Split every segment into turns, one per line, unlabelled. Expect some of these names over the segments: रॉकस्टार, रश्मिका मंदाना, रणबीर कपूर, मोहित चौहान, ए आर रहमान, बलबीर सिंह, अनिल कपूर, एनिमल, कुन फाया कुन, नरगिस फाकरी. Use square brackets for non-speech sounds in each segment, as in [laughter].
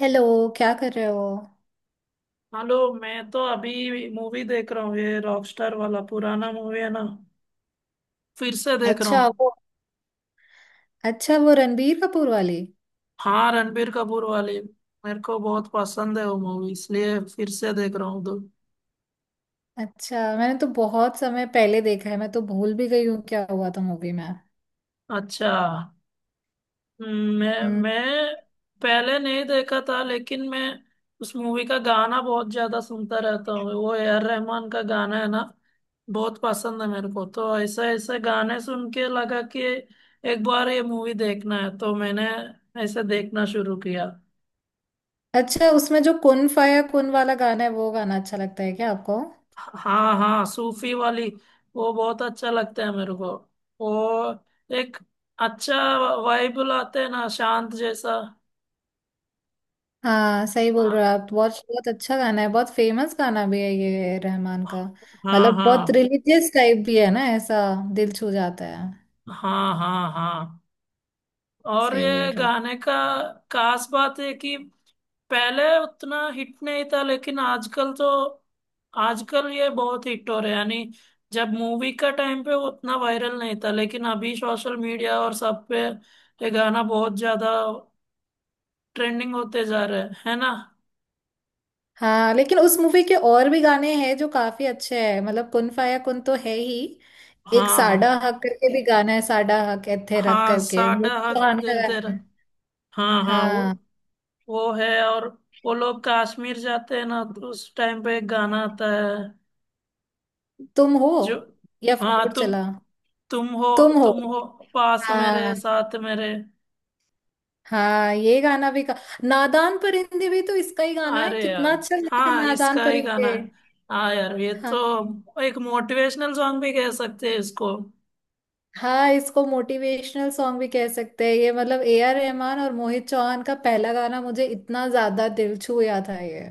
Hello. क्या कर रहे हो?
हेलो। मैं तो अभी मूवी देख रहा हूँ। ये रॉकस्टार वाला पुराना मूवी है ना। फिर से देख रहा
अच्छा
हूँ।
वो अच्छा वो रणबीर कपूर वाली।
हाँ, रणबीर कपूर वाली। मेरे को बहुत पसंद है वो मूवी, इसलिए फिर से देख रहा हूँ तो।
अच्छा, मैंने तो बहुत समय पहले देखा है, मैं तो भूल भी गई हूँ क्या हुआ था मूवी में।
अच्छा। मैं
हम्म।
मैं पहले नहीं देखा था, लेकिन मैं उस मूवी का गाना बहुत ज्यादा सुनता रहता हूँ। वो AR रहमान का गाना है ना। बहुत पसंद है मेरे को, तो ऐसे ऐसे गाने सुन के लगा कि एक बार ये मूवी देखना है, तो मैंने ऐसे देखना शुरू किया।
अच्छा, उसमें जो कुन फाया कुन वाला गाना है वो गाना अच्छा लगता है क्या आपको?
हाँ, हाँ, सूफी वाली। वो बहुत अच्छा लगता है मेरे को। वो एक अच्छा वाइब लाते हैं ना, शांत जैसा।
हाँ, सही बोल रहे
हाँ,
हो आप। बहुत बहुत अच्छा गाना है, बहुत फेमस गाना भी है ये रहमान का।
हाँ,
मतलब
हाँ,
बहुत रिलीजियस टाइप भी है ना ऐसा, दिल छू जाता है।
हाँ, हाँ, हाँ। और
सही बोल
ये
रहे हो।
गाने का खास बात है कि पहले उतना हिट नहीं था, लेकिन आजकल तो, आजकल ये बहुत हिट हो रहा है यानी जब मूवी का टाइम पे वो उतना वायरल नहीं था, लेकिन अभी सोशल मीडिया और सब पे ये गाना बहुत ज्यादा ट्रेंडिंग होते जा रहे हैं है ना।
हाँ, लेकिन उस मूवी के और भी गाने हैं जो काफी अच्छे हैं, मतलब कुन फाया कुन तो है ही। एक साडा
हाँ,
हक करके भी गाना है, साडा हक एथे रख
हाँ,
करके, वो
साडा
भी
हक
सुहाना
दिल तेरा।
गाना है।
हाँ, हाँ, वो
हाँ
वो है। और वो लोग कश्मीर जाते हैं ना, तो उस टाइम पे एक गाना आता है
तुम हो,
जो,
या
हाँ,
फिर
तुम
चला,
तुम हो,
तुम हो।
तुम हो, पास
हाँ
मेरे, साथ मेरे।
हाँ, ये गाना भी का। नादान परिंदे भी तो इसका ही गाना है,
अरे यार,
कितना अच्छा गाना है
हाँ,
नादान
इसका ही गाना
परिंदे।
है। हाँ यार, ये
हाँ
तो एक मोटिवेशनल सॉन्ग भी कह सकते हैं इसको।
हाँ, इसको मोटिवेशनल सॉन्ग भी कह सकते हैं ये, मतलब ए आर रहमान और मोहित चौहान का पहला गाना मुझे इतना ज्यादा दिल छू गया था ये।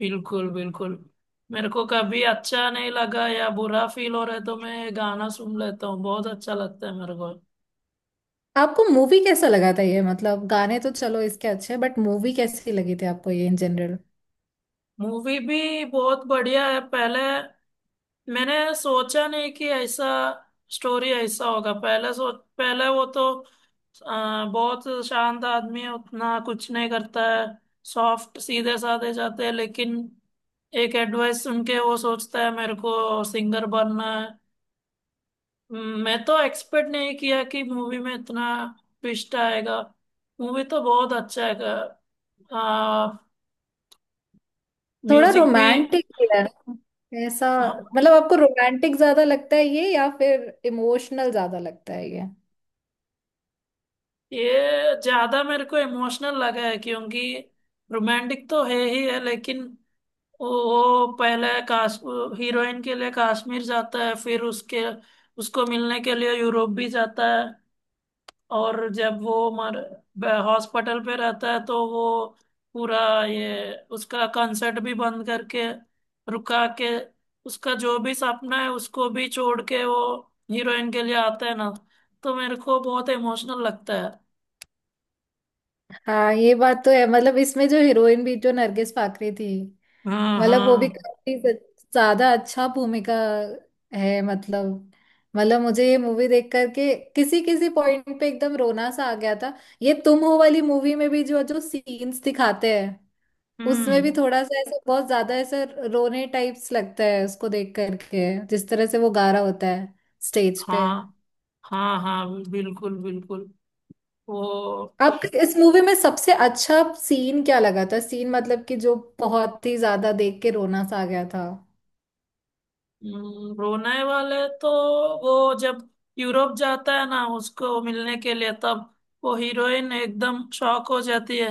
बिल्कुल, बिल्कुल। मेरे को कभी अच्छा नहीं लगा या बुरा फील हो रहा है, तो मैं ये गाना सुन लेता हूँ। बहुत अच्छा लगता है मेरे को।
आपको मूवी कैसा लगा था ये? मतलब गाने तो चलो इसके अच्छे, बट मूवी कैसी लगी थी आपको ये इन जनरल?
मूवी भी बहुत बढ़िया है। पहले मैंने सोचा नहीं कि ऐसा स्टोरी ऐसा होगा। पहले वो तो बहुत शांत आदमी है, उतना कुछ नहीं करता है। सॉफ्ट सीधे साधे जाते हैं, लेकिन एक एडवाइस सुन के वो सोचता है मेरे को सिंगर बनना है। मैं तो एक्सपेक्ट नहीं किया कि मूवी में इतना ट्विस्ट आएगा। मूवी तो बहुत अच्छा है। आ,
थोड़ा
म्यूजिक भी।
रोमांटिक भी है ना? ऐसा
हाँ,
मतलब आपको रोमांटिक ज्यादा लगता है ये या फिर इमोशनल ज्यादा लगता है ये?
ये ज्यादा मेरे को इमोशनल लगा है, क्योंकि रोमांटिक तो है ही है, लेकिन वो पहले काश हीरोइन के लिए कश्मीर जाता है, फिर उसके उसको मिलने के लिए यूरोप भी जाता है। और जब वो मर हॉस्पिटल पे रहता है, तो वो पूरा ये उसका कंसर्ट भी बंद करके, रुका के, उसका जो भी सपना है उसको भी छोड़ के, वो हीरोइन के लिए आता है ना। तो मेरे को बहुत इमोशनल लगता है।
हाँ, ये बात तो है, मतलब इसमें जो हीरोइन भी जो नरगिस फाकरी थी,
हाँ,
मतलब वो भी
हाँ।
काफी ज्यादा अच्छा भूमिका है। मतलब मुझे ये मूवी देख करके किसी किसी पॉइंट पे एकदम रोना सा आ गया था। ये तुम हो वाली मूवी में भी जो जो सीन्स दिखाते हैं, उसमें
हम्म।
भी थोड़ा सा ऐसा, बहुत ज्यादा ऐसा रोने टाइप्स लगता है उसको देख करके जिस तरह से वो गा रहा होता है स्टेज पे।
हाँ, हाँ, हाँ, बिल्कुल, बिल्कुल। वो
आपको इस मूवी में सबसे अच्छा सीन क्या लगा था? सीन मतलब कि जो बहुत ही ज्यादा देख के रोना सा आ गया था।
ब्रुनई वाले, तो वो जब यूरोप जाता है ना उसको मिलने के लिए, तब वो हीरोइन एकदम शॉक हो जाती है।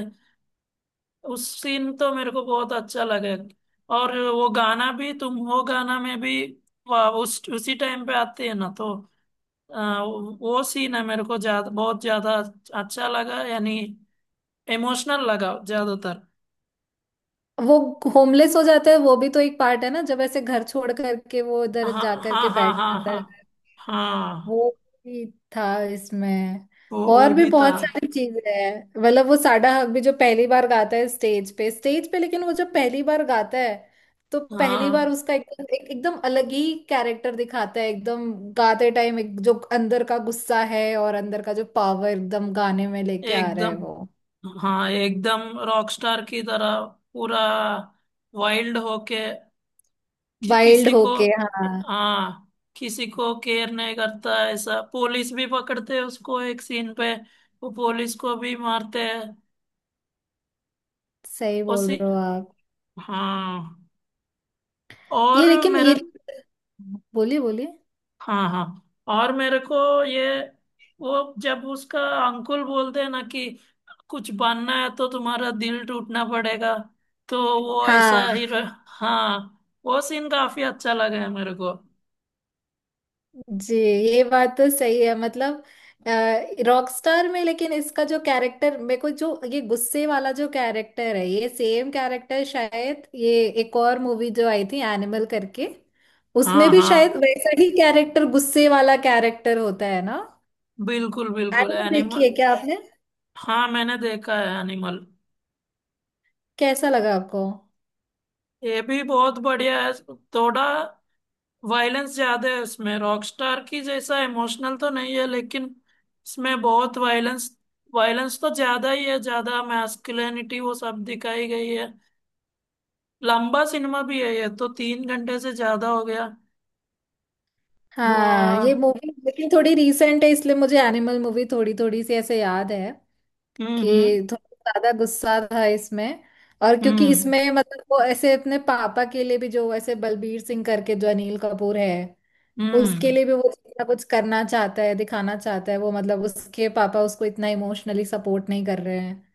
उस सीन तो मेरे को बहुत अच्छा लगे। और वो गाना भी, तुम हो गाना में भी, वाह, उस उसी टाइम पे आती है ना। तो वो सीन है मेरे को ज्यादा, बहुत ज्यादा अच्छा लगा यानी इमोशनल लगा ज्यादातर।
वो होमलेस हो जाता है वो भी तो एक पार्ट है ना, जब ऐसे घर छोड़ करके वो इधर जा
हाँ, हाँ,
करके
हाँ,
बैठ
हाँ,
जाता है।
हाँ, हाँ,
वो भी था इसमें।
वो
और भी
भी था।
बहुत सारी चीजें हैं, मतलब वो साडा हक भी जो पहली बार गाता है स्टेज पे लेकिन वो जब पहली बार गाता है तो पहली बार
हाँ,
उसका एकदम एकदम अलग ही कैरेक्टर दिखाता है। एकदम गाते टाइम एक जो अंदर का गुस्सा है और अंदर का जो पावर एकदम गाने में लेके आ रहा है
एकदम।
वो
हाँ, एकदम रॉकस्टार की तरह, पूरा वाइल्ड होके, कि,
वाइल्ड
किसी को
होके, हाँ।
हाँ, किसी को केयर नहीं करता है। ऐसा पुलिस भी पकड़ते हैं उसको एक सीन पे। वो पुलिस को भी मारते हैं।
सही बोल
उसी।
रहे हो आप।
हाँ
ये
और
लेकिन ये,
मेरे
बोलिए बोलिए।
हाँ, हाँ, और मेरे को ये वो, जब उसका अंकुल बोलते हैं ना कि कुछ बनना है तो तुम्हारा दिल टूटना पड़ेगा, तो वो
हाँ
ऐसा ही हाँ। वो सीन काफी अच्छा लगा है मेरे को।
जी, ये बात तो सही है। मतलब रॉकस्टार में लेकिन इसका जो कैरेक्टर, मेरे को जो ये गुस्से वाला जो कैरेक्टर है, ये सेम कैरेक्टर शायद ये एक और मूवी जो आई थी एनिमल करके, उसमें
हाँ,
भी
हाँ,
शायद वैसा ही कैरेक्टर, गुस्से वाला कैरेक्टर होता है ना।
बिल्कुल, बिल्कुल,
एनिमल देखी
एनिमल।
है क्या आपने?
हाँ, मैंने देखा है एनिमल।
कैसा लगा आपको?
ये भी बहुत बढ़िया है। थोड़ा वायलेंस ज्यादा है उसमें, रॉकस्टार की जैसा इमोशनल तो नहीं है, लेकिन इसमें बहुत वायलेंस। वायलेंस तो ज्यादा ही है, ज्यादा मैस्कुलिनिटी वो सब दिखाई गई है। लंबा सिनेमा भी है ये तो, 3 घंटे से ज्यादा हो गया। वो,
हाँ ये मूवी लेकिन थोड़ी रीसेंट है इसलिए मुझे एनिमल मूवी थोड़ी थोड़ी सी ऐसे याद है
हम्म, हम्म,
कि थोड़ा ज्यादा गुस्सा था इसमें। और क्योंकि
हम्म,
इसमें मतलब वो ऐसे अपने पापा के लिए भी जो वैसे बलबीर सिंह करके जो अनिल कपूर है,
हम्म।
उसके लिए भी वो इतना कुछ करना चाहता है, दिखाना चाहता है वो। मतलब उसके पापा उसको इतना इमोशनली सपोर्ट नहीं कर रहे हैं,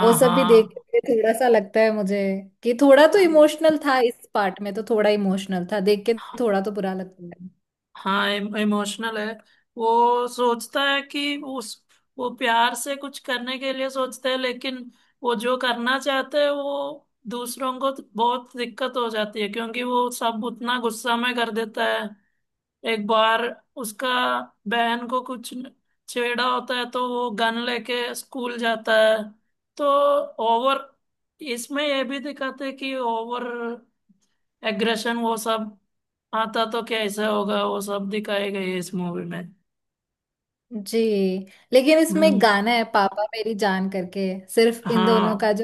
वो सब भी देख के थोड़ा सा लगता है मुझे कि थोड़ा तो इमोशनल था इस पार्ट में, तो थोड़ा इमोशनल था देख के,
हाँ,
थोड़ा तो बुरा लगता है।
हाँ, इमोशनल है। वो सोचता है कि उस वो प्यार से कुछ करने के लिए सोचते हैं, लेकिन वो जो करना चाहते हैं वो दूसरों को तो बहुत दिक्कत हो जाती है, क्योंकि वो सब उतना गुस्सा में कर देता है। एक बार उसका बहन को कुछ छेड़ा होता है, तो वो गन लेके स्कूल जाता है। तो ओवर इसमें ये भी दिखाते हैं कि ओवर एग्रेशन वो सब आता तो कैसे होगा, वो सब दिखाए गए हैं इस मूवी में।
जी, लेकिन इसमें एक
हम्म।
गाना है पापा मेरी जान करके, सिर्फ इन दोनों
हाँ,
का जो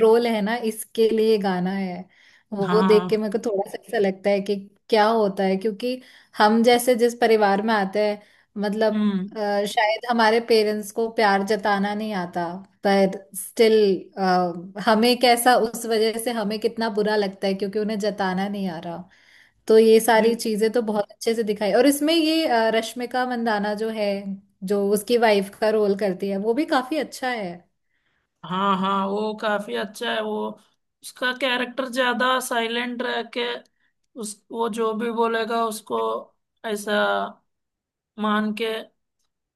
रोल है ना, इसके लिए गाना है। वो देख के
हाँ,
मेरे को थोड़ा सा ऐसा लगता है कि क्या होता है, क्योंकि हम जैसे जिस परिवार में आते हैं, मतलब
हम्म,
शायद हमारे पेरेंट्स को प्यार जताना नहीं आता, पर स्टिल हमें कैसा, उस वजह से हमें कितना बुरा लगता है क्योंकि उन्हें जताना नहीं आ रहा। तो ये सारी
बि-
चीजें तो बहुत अच्छे से दिखाई, और इसमें ये रश्मिका मंदाना जो है, जो उसकी वाइफ का रोल करती है, वो भी काफी अच्छा है।
हाँ, हाँ, वो काफी अच्छा है। वो, उसका कैरेक्टर ज्यादा साइलेंट रह के, उस वो जो भी बोलेगा उसको ऐसा मान के,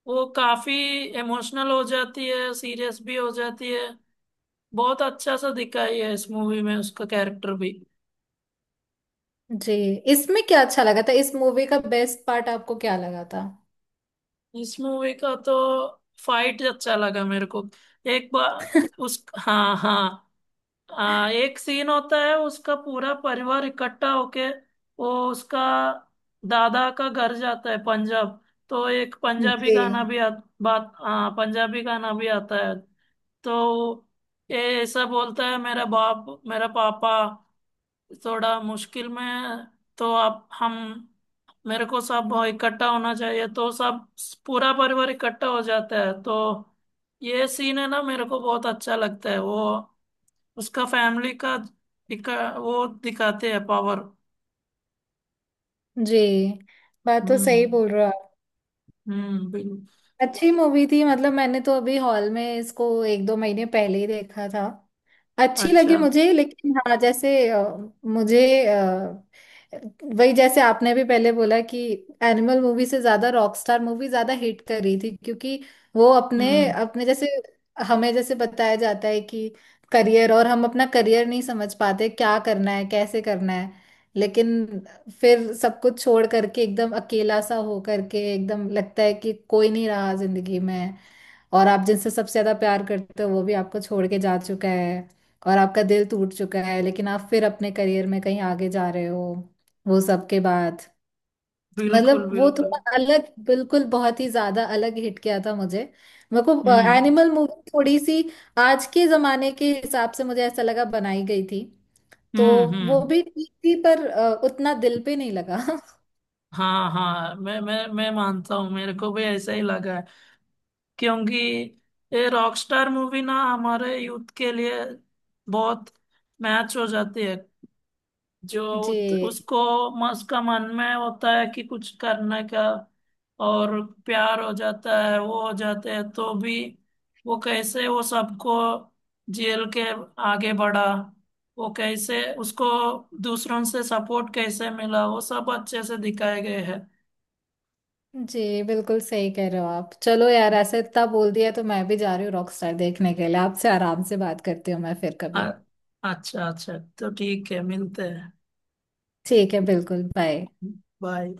वो काफी इमोशनल हो जाती है, सीरियस भी हो जाती है। बहुत अच्छा सा दिखाई है इस मूवी में उसका कैरेक्टर भी।
जी। इसमें क्या अच्छा लगा था, इस मूवी का बेस्ट पार्ट आपको क्या लगा था?
इस मूवी का तो फाइट अच्छा लगा मेरे को। एक बार उस हाँ, हाँ, एक सीन होता है, उसका पूरा परिवार इकट्ठा होके वो उसका दादा का घर जाता है पंजाब। तो एक पंजाबी गाना
जी।
भी बात पंजाबी गाना भी आता है। तो ये ऐसा बोलता है मेरा पापा थोड़ा मुश्किल में है, तो आप हम मेरे को सब इकट्ठा होना चाहिए, तो सब पूरा परिवार इकट्ठा हो जाता है। तो ये सीन है ना, मेरे को बहुत अच्छा लगता है वो, उसका फैमिली का वो दिखाते हैं पावर।
जी, बात तो सही
हम्म।
बोल रहे हो आप।
हम्म, बिल
अच्छी मूवी थी, मतलब मैंने तो अभी हॉल में इसको एक दो महीने पहले ही देखा था। अच्छी लगी
अच्छा।
मुझे लेकिन हाँ जैसे, मुझे अ, वही जैसे आपने भी पहले बोला कि एनिमल मूवी से ज्यादा रॉकस्टार मूवी ज्यादा हिट कर रही थी, क्योंकि वो अपने
हम्म,
अपने जैसे, हमें जैसे बताया जाता है कि करियर, और हम अपना करियर नहीं समझ पाते क्या करना है कैसे करना है। लेकिन फिर सब कुछ छोड़ करके एकदम अकेला सा हो करके एकदम लगता है कि कोई नहीं रहा जिंदगी में, और आप जिनसे सबसे ज्यादा प्यार करते हो वो भी आपको छोड़ के जा चुका है, और आपका दिल टूट चुका है लेकिन आप फिर अपने करियर में कहीं आगे जा रहे हो वो सब के बाद।
बिल्कुल,
मतलब वो
बिल्कुल।
थोड़ा अलग, बिल्कुल बहुत ही ज्यादा अलग हिट किया था मुझे। मेरे को
हम्म।
एनिमल मूवी थोड़ी सी आज के जमाने के हिसाब से मुझे ऐसा लगा बनाई गई थी। तो
हम्म।
वो
हम्म।
भी ठीक थी पर उतना दिल पे नहीं लगा।
हाँ, हाँ, मैं मानता हूँ, मेरे को भी ऐसा ही लगा है। क्योंकि ये रॉकस्टार मूवी ना हमारे यूथ के लिए बहुत मैच हो जाती है। जो
[laughs] जी।
उसको उसका मन में होता है कि कुछ करने का, और प्यार हो जाता है, वो हो जाते हैं तो भी, वो कैसे, वो सबको जेल के आगे बढ़ा, वो कैसे उसको दूसरों से सपोर्ट कैसे मिला, वो सब अच्छे से दिखाए गए हैं।
जी, बिल्कुल सही कह रहे हो आप। चलो यार, ऐसे इतना बोल दिया तो मैं भी जा रही हूँ रॉकस्टार देखने के लिए। आपसे आराम से बात करती हूँ मैं फिर कभी।
अ- अच्छा, अच्छा, तो ठीक है, मिलते हैं।
ठीक है, बिल्कुल। बाय।
बाय।